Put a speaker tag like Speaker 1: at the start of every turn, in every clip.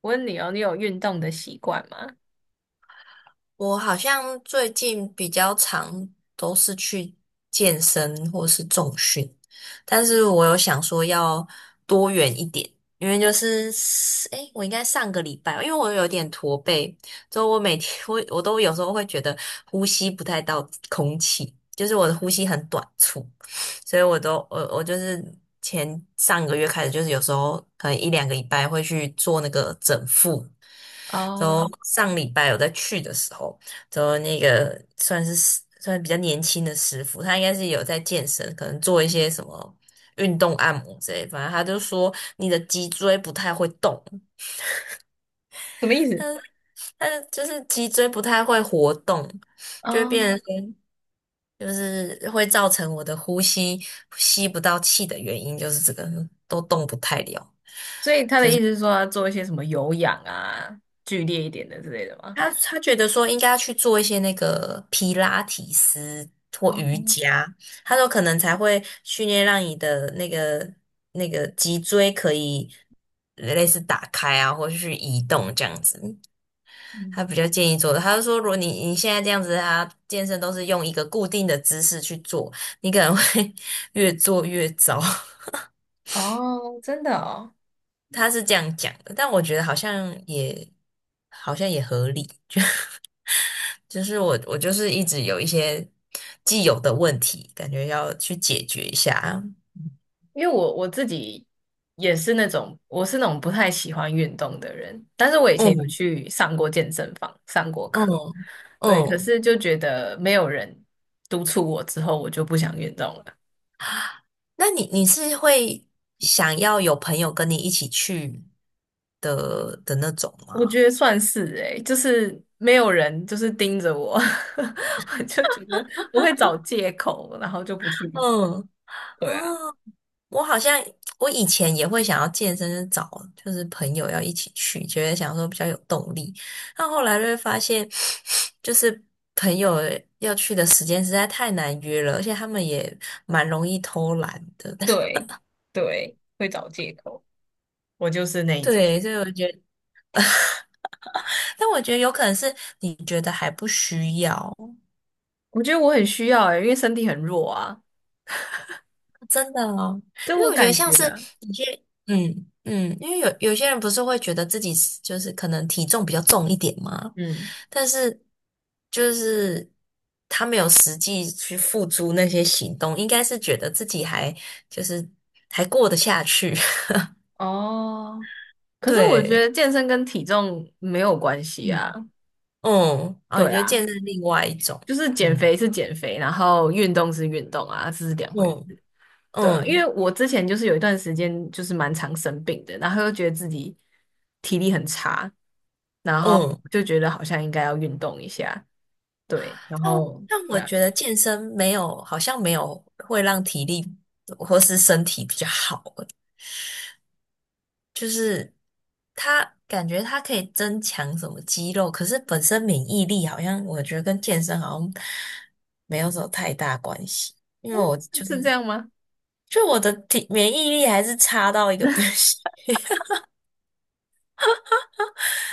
Speaker 1: 我问你哦，你有运动的习惯吗？
Speaker 2: 我好像最近比较常都是去健身或是重训，但是我有想说要多元一点，因为就是我应该上个礼拜，因为我有点驼背，所以我每天我都有时候会觉得呼吸不太到空气，就是我的呼吸很短促，所以我都我我就是上个月开始，就是有时候可能一两个礼拜会去做那个整腹。然
Speaker 1: 哦，
Speaker 2: 后上礼拜我在去的时候，然后那个算是比较年轻的师傅，他应该是有在健身，可能做一些什么运动按摩之类，反正他就说你的脊椎不太会动，
Speaker 1: 什么意思？
Speaker 2: 但是就是脊椎不太会活动，就会
Speaker 1: 哦，
Speaker 2: 变成说就是会造成我的呼吸吸不到气的原因，就是这个都动不太了。
Speaker 1: 所以他的意思是说要做一些什么有氧啊，剧烈一点的之类的吗？
Speaker 2: 他觉得说应该要去做一些那个皮拉提斯或瑜
Speaker 1: 哦，
Speaker 2: 伽，他说可能才会训练让你的那个脊椎可以类似打开啊，或者是移动这样子。他
Speaker 1: 嗯，
Speaker 2: 比较建议做的，他就说如果你现在这样子，他健身都是用一个固定的姿势去做，你可能会 越做越糟。
Speaker 1: 哦，真的哦，
Speaker 2: 他是这样讲的，但我觉得好像也好像也合理。就是我就是一直有一些既有的问题，感觉要去解决一下。
Speaker 1: 因为我自己也是那种，我是那种不太喜欢运动的人，但是我以前有
Speaker 2: 嗯
Speaker 1: 去上过健身房，上过课，
Speaker 2: 嗯
Speaker 1: 对，可
Speaker 2: 嗯。
Speaker 1: 是就觉得没有人督促我之后，我就不想运动了。
Speaker 2: 那你是会想要有朋友跟你一起去的那种
Speaker 1: 我觉
Speaker 2: 吗？
Speaker 1: 得算是诶、就是没有人就是盯着我，我就觉得我会找借口，然后就不去。
Speaker 2: 嗯。
Speaker 1: 对啊，
Speaker 2: 哦，我好像我以前也会想要健身，就是找就是朋友要一起去，觉得想说比较有动力。但后来就会发现，就是朋友要去的时间实在太难约了，而且他们也蛮容易偷懒的。
Speaker 1: 对对，会找借口。我就是那一种，
Speaker 2: 对，所以我觉得，但我觉得有可能是你觉得还不需要，
Speaker 1: 我觉得我很需要诶、因为身体很弱啊，
Speaker 2: 真的哦，
Speaker 1: 对
Speaker 2: 因
Speaker 1: 我
Speaker 2: 为我觉得
Speaker 1: 感
Speaker 2: 像
Speaker 1: 觉
Speaker 2: 是
Speaker 1: 啊，
Speaker 2: 有些，因为有些人不是会觉得自己是就是可能体重比较重一点嘛，
Speaker 1: 嗯，
Speaker 2: 但是就是他没有实际去付诸那些行动，应该是觉得自己还就是还过得下去，
Speaker 1: 哦，可是我觉
Speaker 2: 对，
Speaker 1: 得健身跟体重没有关系啊。
Speaker 2: 嗯嗯，哦，你
Speaker 1: 对
Speaker 2: 觉得
Speaker 1: 啊，
Speaker 2: 健身另外一种，
Speaker 1: 就是减
Speaker 2: 嗯
Speaker 1: 肥是减肥，然后运动是运动啊，这是两回事。
Speaker 2: 嗯
Speaker 1: 对啊因为
Speaker 2: 嗯
Speaker 1: 我之前就是有一段时间就是蛮常生病的，然后又觉得自己体力很差，然后
Speaker 2: 嗯。
Speaker 1: 就觉得好像应该要运动一下，对，然
Speaker 2: 但
Speaker 1: 后
Speaker 2: 但
Speaker 1: 对
Speaker 2: 我
Speaker 1: 啊，
Speaker 2: 觉得健身没有，好像没有会让体力或是身体比较好，就是它感觉它可以增强什么肌肉，可是本身免疫力好像我觉得跟健身好像没有什么太大关系，因
Speaker 1: 嗯
Speaker 2: 为我就
Speaker 1: 是这
Speaker 2: 是
Speaker 1: 样吗？
Speaker 2: 就我的体免疫力还是差到一个不行。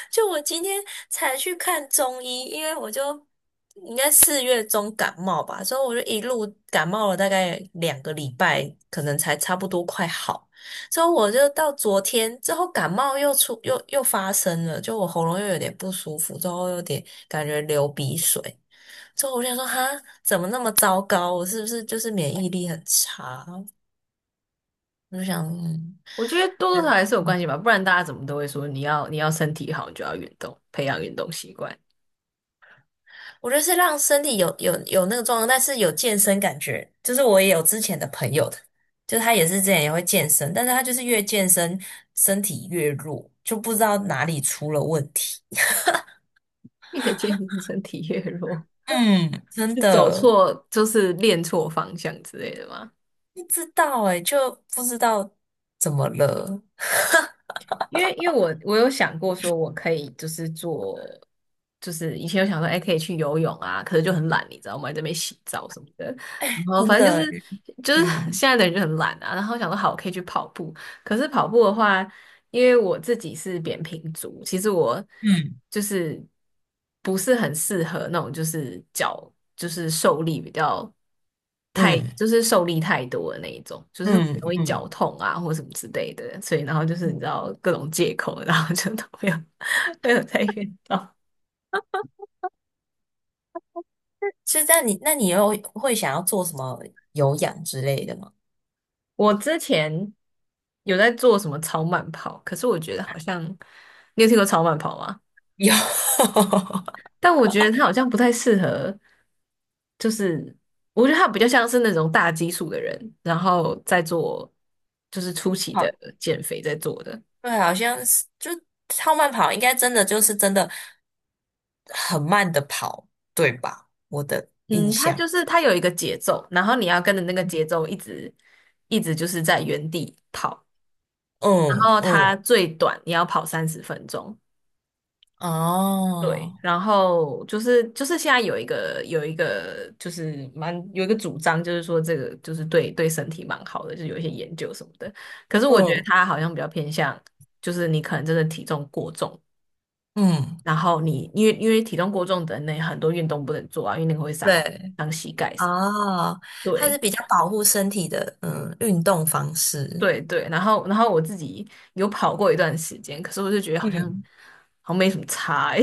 Speaker 2: 就我今天才去看中医，因为我就应该4月中感冒吧，所以我就一路感冒了大概两个礼拜，可能才差不多快好。之后我就到昨天之后感冒又出又又发生了，就我喉咙又有点不舒服，之后有点感觉流鼻水。之后我就想说，哈，怎么那么糟糕？我是不是就是免疫力很差？我就想，嗯，
Speaker 1: 我觉得多多少少还是有关系吧，不然大家怎么都会说你要身体好，你就要运动，培养运动习惯，
Speaker 2: 我觉得是让身体有那个状况，但是有健身感觉。就是我也有之前的朋友的，就他也是之前也会健身，但是他就是越健身身体越弱，就不知道哪里出了问题。
Speaker 1: 越健身身体越弱，
Speaker 2: 嗯，真
Speaker 1: 是走
Speaker 2: 的
Speaker 1: 错就是练错方向之类的吗？
Speaker 2: 不知道哎、就不知道怎么了，
Speaker 1: 因为我有想过说，我可以就是做，就是以前有想说，哎、可以去游泳啊，可是就很懒，你知道吗？在那边洗澡什么的，然后
Speaker 2: 真
Speaker 1: 反正就
Speaker 2: 的。
Speaker 1: 是就是
Speaker 2: 嗯
Speaker 1: 现在的人就很懒啊，然后想说好，我可以去跑步，可是跑步的话。因为我自己是扁平足，其实我
Speaker 2: 嗯
Speaker 1: 就是不是很适合那种就是脚就是受力比较太
Speaker 2: 嗯
Speaker 1: 就是受力太多的那一种，就是很
Speaker 2: 嗯
Speaker 1: 容易脚
Speaker 2: 嗯
Speaker 1: 痛啊或什么之类的，所以然后就是你
Speaker 2: 嗯。
Speaker 1: 知道各种借口，然后就都没有 没有再运动。
Speaker 2: 所以那你又会想要做什么有氧之类的吗？
Speaker 1: 我之前有在做什么超慢跑，可是我觉得好像你有听过超慢跑吗？
Speaker 2: 有，
Speaker 1: 但我觉得他好像不太适合，就是我觉得他比较像是那种大基数的人，然后再做就是初 期的
Speaker 2: 好。
Speaker 1: 减肥在做的。
Speaker 2: 对，好像是就超慢跑，应该真的真的很慢的跑，对吧？我的印
Speaker 1: 嗯，他
Speaker 2: 象，
Speaker 1: 就是他有一个节奏，然后你要跟着那个节奏一直就是在原地跑，然
Speaker 2: 嗯
Speaker 1: 后
Speaker 2: 嗯，
Speaker 1: 他最短你要跑30分钟，对，
Speaker 2: 哦，
Speaker 1: 然后就是现在有一个就是蛮有一个主张，就是说这个就是对身体蛮好的，就是有一些研究什么的。可是我觉得
Speaker 2: 嗯
Speaker 1: 它好像比较偏向，就是你可能真的体重过重，
Speaker 2: 嗯，
Speaker 1: 然后你因为体重过重的那很多运动不能做啊，因为那个会伤。
Speaker 2: 对，哦，它是
Speaker 1: 对
Speaker 2: 比较保护身体的，嗯，运动方式
Speaker 1: 对对，然后我自己有跑过一段时间，可是我就觉得好像
Speaker 2: 嗯，
Speaker 1: 好像没什么差欸，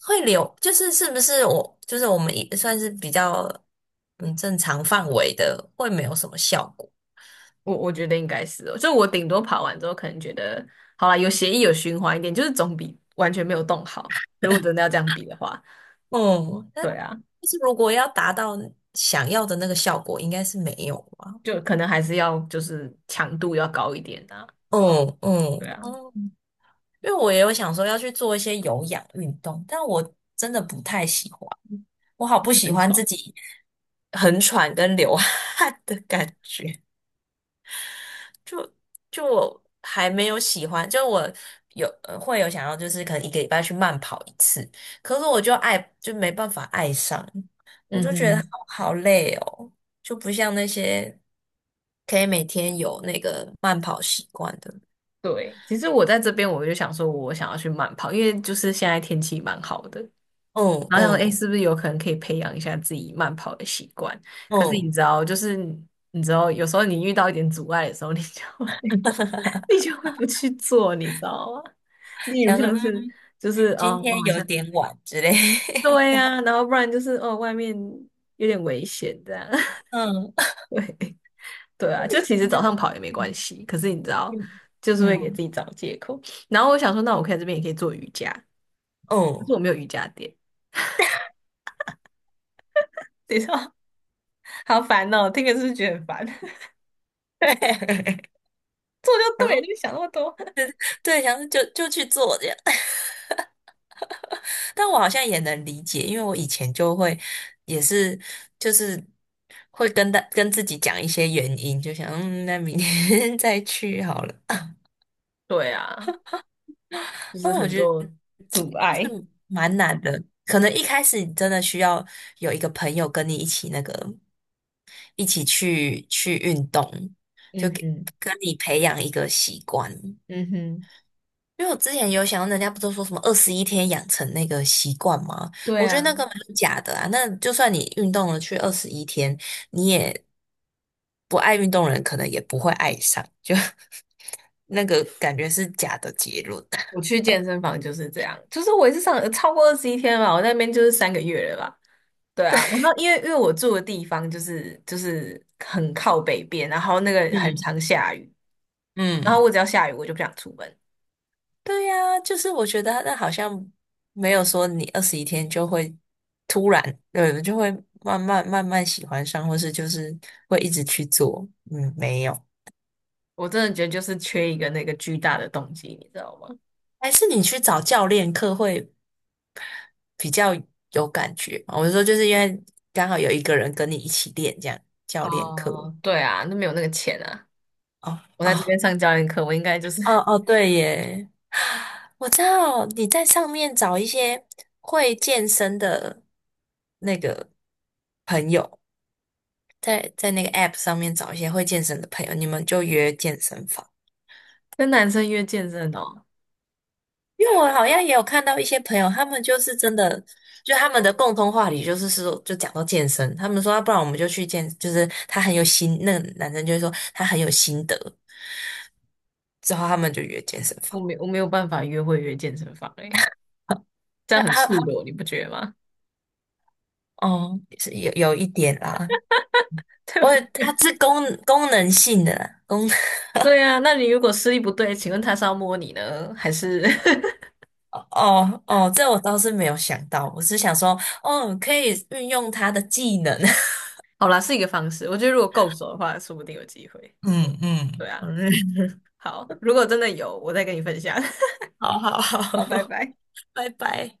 Speaker 2: 会流，就是是不是我们也算是比较嗯正常范围的，会没有什么效果。
Speaker 1: 我觉得应该是哦，就我顶多跑完之后，可能觉得好啦，有协议有循环一点，就是总比完全没有动好。如果真的要这样比的话，
Speaker 2: 哦，那
Speaker 1: 对
Speaker 2: 但
Speaker 1: 啊，
Speaker 2: 是如果要达到想要的那个效果，应该是没有吧？
Speaker 1: 就可能还是要就是强度要高一点啊，
Speaker 2: 嗯
Speaker 1: 对
Speaker 2: 嗯，
Speaker 1: 啊，
Speaker 2: 哦，因为我也有想说要去做一些有氧运动，但我真的不太喜欢，我好不喜
Speaker 1: 很
Speaker 2: 欢
Speaker 1: 吵。
Speaker 2: 自己很喘跟流汗的感觉。就我还没有喜欢，就我有会有想要，就是可能1个礼拜去慢跑一次，可是我就没办法爱上，我
Speaker 1: 嗯
Speaker 2: 就觉得
Speaker 1: 嗯，
Speaker 2: 好好累哦，就不像那些可以每天有那个慢跑习惯的。
Speaker 1: 对。其实我在这边我就想说，我想要去慢跑，因为就是现在天气蛮好的，
Speaker 2: 嗯
Speaker 1: 然后想说，哎，
Speaker 2: 嗯
Speaker 1: 是不是有可能可以培养一下自己慢跑的习惯？可是你
Speaker 2: 嗯，
Speaker 1: 知道，就是你知道，有时候你遇到一点阻碍的时候，你就会 你就会不去做，你知道吗？例如
Speaker 2: 想说
Speaker 1: 像是
Speaker 2: 嗯，
Speaker 1: 就是
Speaker 2: 今
Speaker 1: 哦，我
Speaker 2: 天
Speaker 1: 好
Speaker 2: 有
Speaker 1: 像
Speaker 2: 点晚之类
Speaker 1: 对
Speaker 2: 的。
Speaker 1: 呀、然后不然就是哦，外面有点危险这样，
Speaker 2: 嗯，
Speaker 1: 对啊，就其实
Speaker 2: 真的
Speaker 1: 早上跑也没关系，可是你知道，
Speaker 2: 很
Speaker 1: 就
Speaker 2: 嗯
Speaker 1: 是会给
Speaker 2: 嗯
Speaker 1: 自己找借口。然后我想说，那我可以在这边也可以做瑜伽，可是
Speaker 2: 嗯，
Speaker 1: 我没有瑜伽垫，你知道，好烦哦，听着是不是觉得很烦？
Speaker 2: 对，
Speaker 1: 做就
Speaker 2: 想
Speaker 1: 对
Speaker 2: 说
Speaker 1: 了，就想那么多。
Speaker 2: 对，想说就去做这样。但我好像也能理解，因为我以前就会也是就是会跟自己讲一些原因，就想嗯，那明天 再去好了。
Speaker 1: 对啊，就
Speaker 2: 那
Speaker 1: 是
Speaker 2: 我
Speaker 1: 很
Speaker 2: 觉得
Speaker 1: 多阻
Speaker 2: 就
Speaker 1: 碍。
Speaker 2: 是蛮难的，可能一开始你真的需要有一个朋友跟你一起那个一起去运动，就
Speaker 1: 嗯
Speaker 2: 给
Speaker 1: 哼，
Speaker 2: 跟你培养一个习惯。
Speaker 1: 嗯哼，
Speaker 2: 因为我之前有想到，人家不都说什么二十一天养成那个习惯吗？
Speaker 1: 对
Speaker 2: 我觉得
Speaker 1: 啊。
Speaker 2: 那个蛮假的啊。那就算你运动了去二十一天，你也不爱运动的人，可能也不会爱上，就 那个感觉是假的结论。
Speaker 1: 我 去健身房就是这样，就是我也是上超过21天吧，我那边就是3个月了吧，对啊，然后因为我住的地方就是很靠北边，然后那个很
Speaker 2: 嗯
Speaker 1: 常下雨，然后
Speaker 2: 嗯。
Speaker 1: 我只要下雨我就不想出门，
Speaker 2: 对呀，就是我觉得那好像没有说你二十一天就会突然，对，就会慢慢慢慢喜欢上，或是就是会一直去做。嗯，没有，
Speaker 1: 我真的觉得就是缺一个那个巨大的动机，你知道吗？
Speaker 2: 还是你去找教练课会比较有感觉嘛我是说，就是因为刚好有一个人跟你一起练，这样教练课。
Speaker 1: 哦，对啊，那没有那个钱啊，
Speaker 2: 哦
Speaker 1: 我在这边
Speaker 2: 哦
Speaker 1: 上教练课，我应该就是
Speaker 2: 哦 哦，对耶，我知道你在上面找一些会健身的那个朋友。在那个 App 上面找一些会健身的朋友，你们就约健身房。
Speaker 1: 跟男生约健身哦，
Speaker 2: 因为我好像也有看到一些朋友，他们就是真的，就他们的共同话题就是说，就讲到健身，他们说，啊不然我们就去健，就是他很有心，那个男生就会说他很有心得，之后他们就约健身
Speaker 1: 我
Speaker 2: 房。
Speaker 1: 没我没有办法约会约健身房诶、这样
Speaker 2: 那
Speaker 1: 很
Speaker 2: 他
Speaker 1: 赤
Speaker 2: 他
Speaker 1: 裸，你不觉得吗？
Speaker 2: 哦，是有一点啦，我 他是功能性的啦，功能
Speaker 1: 对呀，那你如果视力不对，请问他是要摸你呢，还是？
Speaker 2: 哦哦，这我倒是没有想到，我是想说，哦，可以运用他的技能。
Speaker 1: 好啦，是一个方式。我觉得如果够熟的话，说不定有机会。
Speaker 2: 嗯
Speaker 1: 对
Speaker 2: 嗯，
Speaker 1: 啊，
Speaker 2: 好嘞，
Speaker 1: 好，如果真的有，我再跟你分享。
Speaker 2: 好好
Speaker 1: 好，拜
Speaker 2: 好，
Speaker 1: 拜。
Speaker 2: 拜拜。